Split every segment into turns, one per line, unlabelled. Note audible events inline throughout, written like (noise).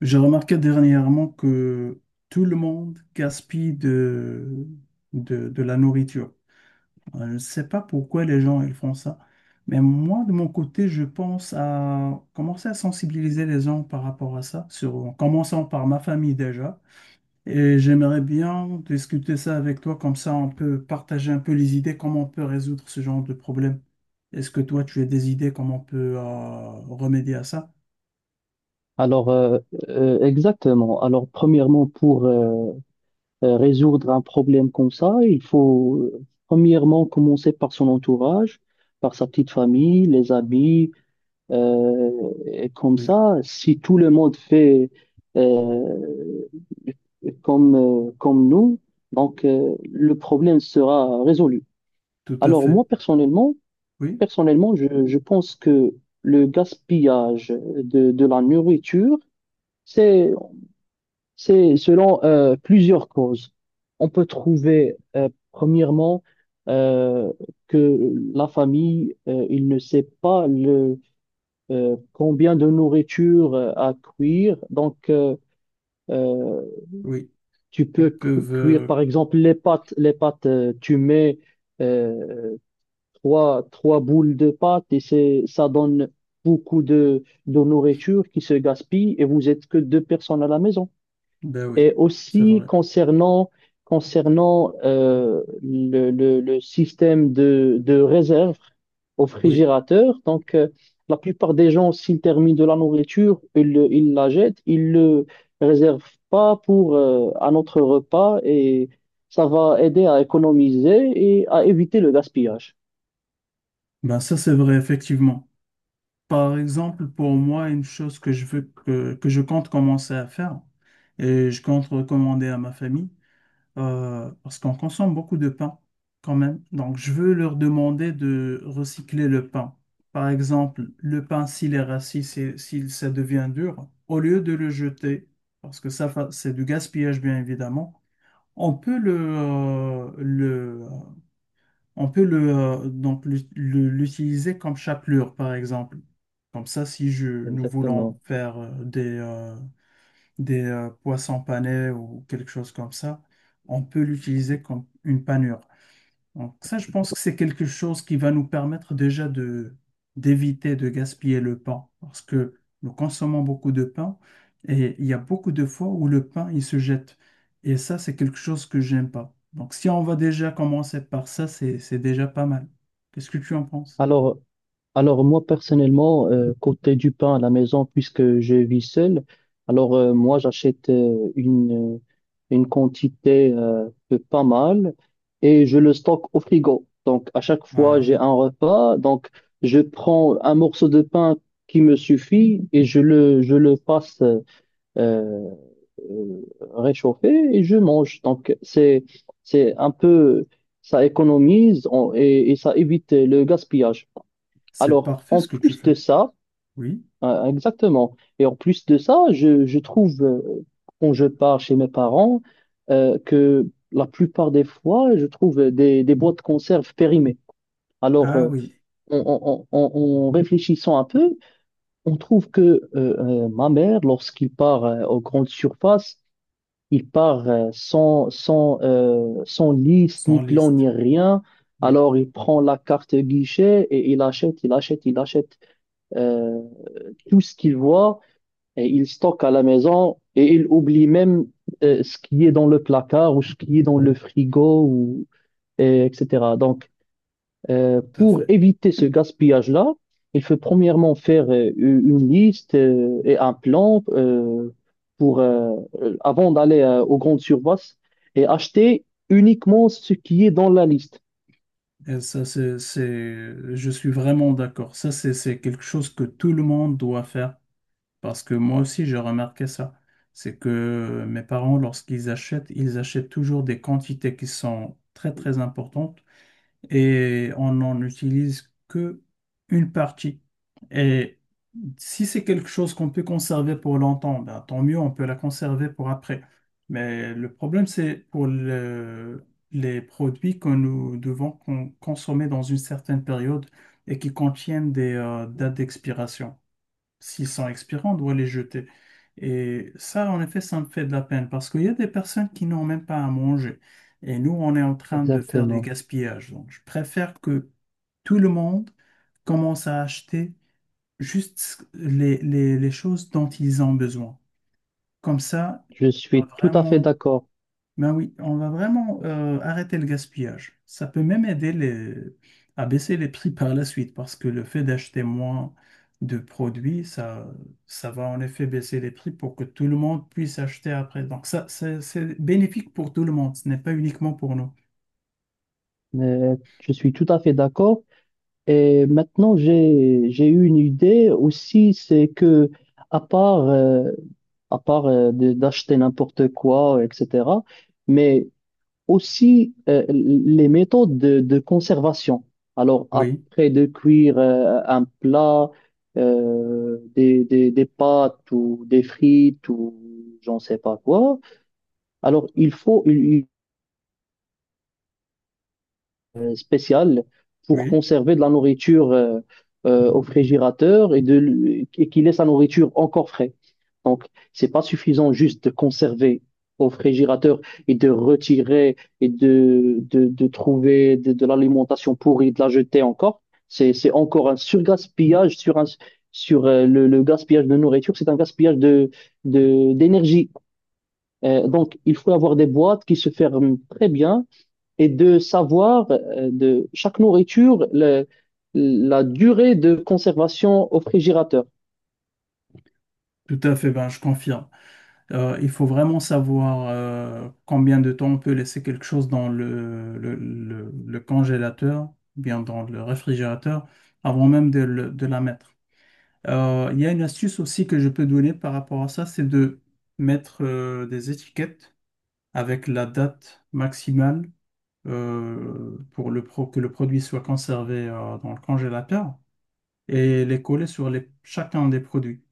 J'ai remarqué dernièrement que tout le monde gaspille de la nourriture. Je ne sais pas pourquoi les gens ils font ça, mais moi, de mon côté, je pense à commencer à sensibiliser les gens par rapport à ça, sur, en commençant par ma famille déjà. Et j'aimerais bien discuter ça avec toi, comme ça on peut partager un peu les idées, comment on peut résoudre ce genre de problème. Est-ce que toi, tu as des idées, comment on peut remédier à ça?
Alors, euh, exactement. Alors, premièrement, pour résoudre un problème comme ça, il faut premièrement commencer par son entourage, par sa petite famille, les amis. Et comme
Oui,
ça, si tout le monde fait euh, comme nous, donc le problème sera résolu.
tout à
Alors,
fait.
moi,
Oui,
personnellement, je pense que le gaspillage de la nourriture, c'est c'est selon plusieurs causes. On peut trouver, premièrement, euh, que la famille, il ne sait pas combien de nourriture à cuire. Donc, euh,
oui.
tu
Ils
peux
peuvent
cuire, par exemple, les pâtes. Les pâtes, tu mets euh, trois boules de pâtes et ça donne beaucoup de nourriture qui se gaspille et vous êtes que deux personnes à la maison.
ben oui,
Et
c'est
aussi
vrai.
concernant, concernant le système de réserve au
Oui,
frigérateur, donc la plupart des gens, s'ils terminent de la nourriture, ils la jettent, ils le réservent pas pour un autre repas et ça va aider à économiser et à éviter le gaspillage.
ben ça c'est vrai, effectivement. Par exemple, pour moi, une chose que je compte commencer à faire, et je compte recommander à ma famille, parce qu'on consomme beaucoup de pain quand même. Donc, je veux leur demander de recycler le pain. Par exemple, le pain, s'il est rassis, s'il ça devient dur, au lieu de le jeter, parce que ça, c'est du gaspillage, bien évidemment, on peut on peut donc l'utiliser comme chapelure, par exemple. Comme ça, si je, nous voulons
Exactement.
faire des poissons panés ou quelque chose comme ça, on peut l'utiliser comme une panure. Donc ça, je pense que c'est quelque chose qui va nous permettre déjà de d'éviter de gaspiller le pain, parce que nous consommons beaucoup de pain et il y a beaucoup de fois où le pain, il se jette. Et ça, c'est quelque chose que j'aime pas. Donc si on va déjà commencer par ça, c'est déjà pas mal. Qu'est-ce que tu en penses?
Alors, Alors moi personnellement, côté du pain à la maison, puisque je vis seul, alors moi j'achète une quantité de pas mal et je le stocke au frigo. Donc à chaque fois j'ai
Ah,
un repas, donc je prends un morceau de pain qui me suffit et je le passe euh, réchauffer et je mange. C'est un peu, et ça évite le gaspillage.
c'est
Alors,
parfait
en
ce que tu
plus de
fais.
ça,
Oui.
exactement. Et en plus de ça, je trouve, quand je pars chez mes parents, que la plupart des fois, je trouve des boîtes de conserve périmées. Alors,
Ah
euh,
oui,
en réfléchissant un peu, on trouve que ma mère, lorsqu'il part aux grandes surfaces, il part sans liste, ni
sans
plan, ni
liste.
rien.
Oui,
Alors, il prend la carte guichet et il achète. Euh, tout ce qu'il voit, et il stocke à la maison et il oublie même ce qui est dans le placard ou ce qui est dans le frigo, ou, et etc. Donc,
tout à
pour
fait.
éviter ce gaspillage-là, il faut premièrement faire une liste et un plan pour, avant d'aller aux grandes surfaces et acheter uniquement ce qui est dans la liste.
Et ça, je suis vraiment d'accord. Ça, c'est quelque chose que tout le monde doit faire. Parce que moi aussi, j'ai remarqué ça. C'est que mes parents, lorsqu'ils achètent, ils achètent toujours des quantités qui sont très, très importantes et on n'en utilise que une partie. Et si c'est quelque chose qu'on peut conserver pour longtemps, ben, tant mieux, on peut la conserver pour après. Mais le problème, les produits que nous devons consommer dans une certaine période et qui contiennent des dates d'expiration, s'ils sont expirants, on doit les jeter. Et ça, en effet, ça me fait de la peine parce qu'il y a des personnes qui n'ont même pas à manger. Et nous, on est en train de faire du
Exactement.
gaspillage. Donc, je préfère que tout le monde commence à acheter juste les choses dont ils ont besoin. Comme ça,
Je
on va
suis tout à fait
vraiment
d'accord.
ben oui, on va vraiment arrêter le gaspillage. Ça peut même aider les… à baisser les prix (laughs) par la suite parce que le fait d'acheter moins de produits, ça va en effet baisser les prix pour que tout le monde puisse acheter après. Donc ça, c'est bénéfique pour tout le monde, ce n'est pas uniquement pour nous.
Euh, je suis tout à fait d'accord. Et maintenant, j'ai eu une idée aussi, c'est que à part euh, à part d'acheter n'importe quoi, etc. Mais aussi les méthodes de conservation. Alors
Oui,
après de cuire un plat, des pâtes ou des frites ou j'en sais pas quoi. Alors il faut il spéciales pour
oui,
conserver de la nourriture au frigérateur et qui laisse la nourriture encore frais. Donc, c'est pas suffisant juste de conserver au frigérateur et de retirer de trouver de l'alimentation pourrie, de la jeter encore. C'est encore un surgaspillage sur le gaspillage de nourriture, c'est un gaspillage d'énergie. Donc, il faut avoir des boîtes qui se ferment très bien et de savoir de chaque nourriture la durée de conservation au frigérateur.
tout à fait, ben je confirme. Il faut vraiment savoir combien de temps on peut laisser quelque chose dans le congélateur, ou bien dans le réfrigérateur, avant même de, de la mettre. Il y a une astuce aussi que je peux donner par rapport à ça, c'est de mettre des étiquettes avec la date maximale pour que le produit soit conservé dans le congélateur et les coller chacun des produits.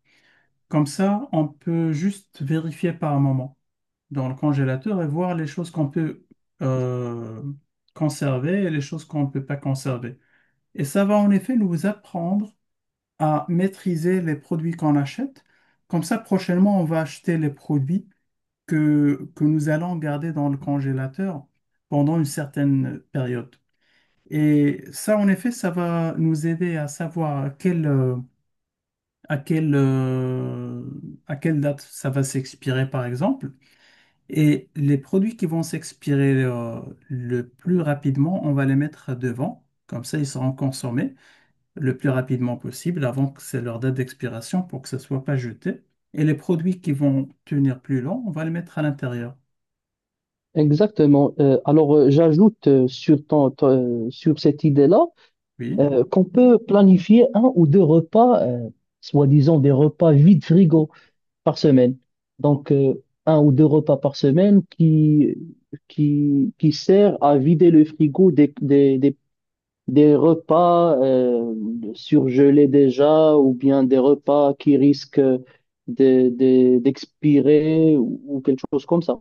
Comme ça, on peut juste vérifier par moment dans le congélateur et voir les choses qu'on peut euh, conserver et les choses qu'on ne peut pas conserver. Et ça va en effet nous apprendre à maîtriser les produits qu'on achète. Comme ça, prochainement, on va acheter les produits que nous allons garder dans le congélateur pendant une certaine période. Et ça, en effet, ça va nous aider à savoir à quelle, euh, à quelle date ça va s'expirer, par exemple. Et les produits qui vont s'expirer le plus rapidement, on va les mettre devant. Comme ça, ils seront consommés le plus rapidement possible avant que c'est leur date d'expiration pour que ça ne soit pas jeté. Et les produits qui vont tenir plus long, on va les mettre à l'intérieur.
Exactement. J'ajoute sur sur cette idée-là
Oui,
qu'on peut planifier un ou deux repas, soi-disant des repas vide frigo par semaine. Donc, un ou deux repas par semaine qui qui sert à vider le frigo des repas surgelés déjà ou bien des repas qui risquent d'expirer ou quelque chose comme ça.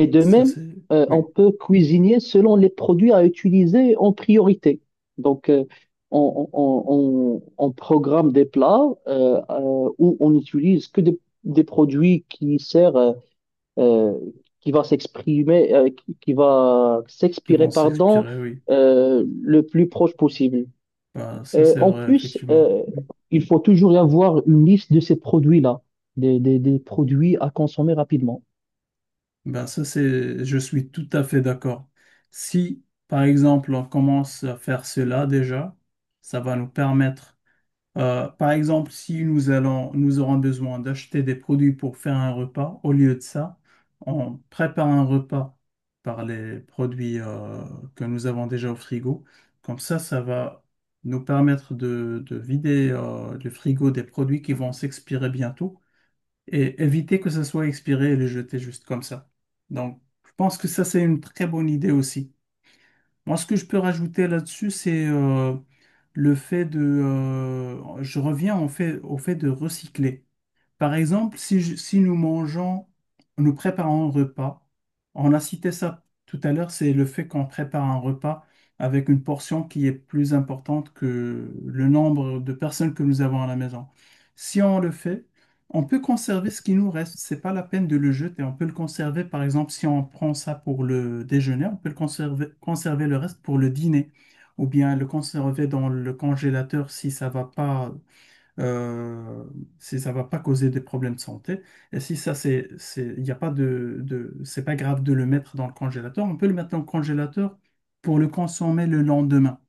Et de
ça
même,
c'est…
on
Oui,
peut cuisiner selon les produits à utiliser en priorité. Donc, on programme des plats où on n'utilise que des produits qui servent, euh, qui va s'exprimer, qui va
qui
s'expirer,
vont
pardon,
s'expirer, oui.
le plus proche possible.
Ben, ça
Euh,
c'est
en
vrai,
plus,
effectivement.
euh,
Oui.
il faut toujours y avoir une liste de ces produits-là, des produits à consommer rapidement.
Ben, ça c'est… Je suis tout à fait d'accord. Si, par exemple, on commence à faire cela déjà, ça va nous permettre. Par exemple, si nous aurons besoin d'acheter des produits pour faire un repas, au lieu de ça, on prépare un repas par les produits que nous avons déjà au frigo. Comme ça va nous permettre de vider le frigo des produits qui vont s'expirer bientôt et éviter que ça soit expiré et les jeter juste comme ça. Donc, je pense que ça, c'est une très bonne idée aussi. Moi, ce que je peux rajouter là-dessus, c'est le fait de… je reviens en fait, au fait de recycler. Par exemple, si nous mangeons, nous préparons un repas, on a cité ça tout à l'heure, c'est le fait qu'on prépare un repas avec une portion qui est plus importante que le nombre de personnes que nous avons à la maison. Si on le fait, on peut conserver ce qui nous reste. C'est pas la peine de le jeter. On peut le conserver, par exemple, si on prend ça pour le déjeuner, on peut le conserver, conserver le reste pour le dîner, ou bien le conserver dans le congélateur si ça va pas euh, si ça va pas causer des problèmes de santé. Et si ça, il n'y a pas c'est pas grave de le mettre dans le congélateur, on peut le mettre dans le congélateur pour le consommer le lendemain.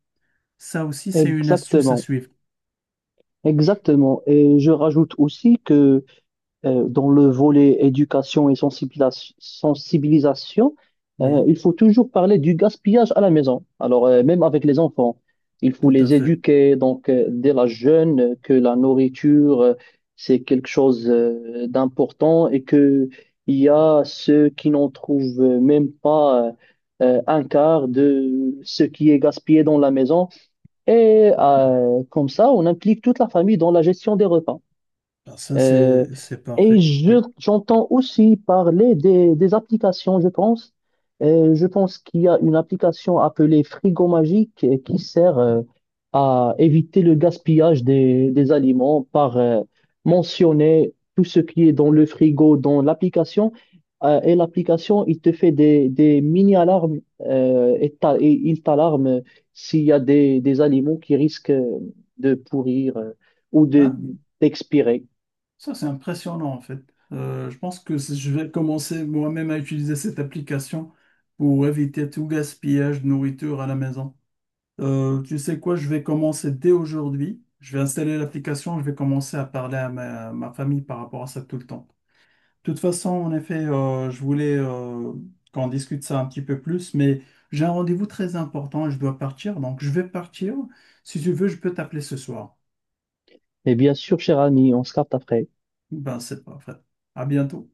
Ça aussi, c'est une astuce à
Exactement,
suivre.
exactement. Et je rajoute aussi que dans le volet éducation et sensibilisation,
Oui,
il faut toujours parler du gaspillage à la maison. Alors, même avec les enfants, il faut
tout à
les
fait.
éduquer, donc, dès la jeune, que la nourriture, c'est quelque chose, d'important et que il y a ceux qui n'en trouvent même pas, un quart de ce qui est gaspillé dans la maison. Et comme ça, on implique toute la famille dans la gestion des repas.
Ah, ça,
Euh,
c'est
et
parfait. Oui.
j'entends aussi parler des applications, je pense. Je pense qu'il y a une application appelée Frigo Magique qui sert à éviter le gaspillage des aliments par mentionner tout ce qui est dans le frigo, dans l'application. Et l'application, il te fait des mini-alarmes il t'alarme s'il y a des aliments qui risquent de pourrir euh, ou
Ah
de,
oui.
d'expirer.
Ça, c'est impressionnant, en fait. Je pense que je vais commencer moi-même à utiliser cette application pour éviter tout gaspillage de nourriture à la maison. Tu sais quoi, je vais commencer dès aujourd'hui. Je vais installer l'application, je vais commencer à parler à ma famille par rapport à ça tout le temps. De toute façon, en effet, je voulais qu'on discute ça un petit peu plus, mais j'ai un rendez-vous très important et je dois partir, donc je vais partir. Si tu veux, je peux t'appeler ce soir.
Et bien sûr, cher ami, on se capte après.
Ben, c'est parfait. À bientôt.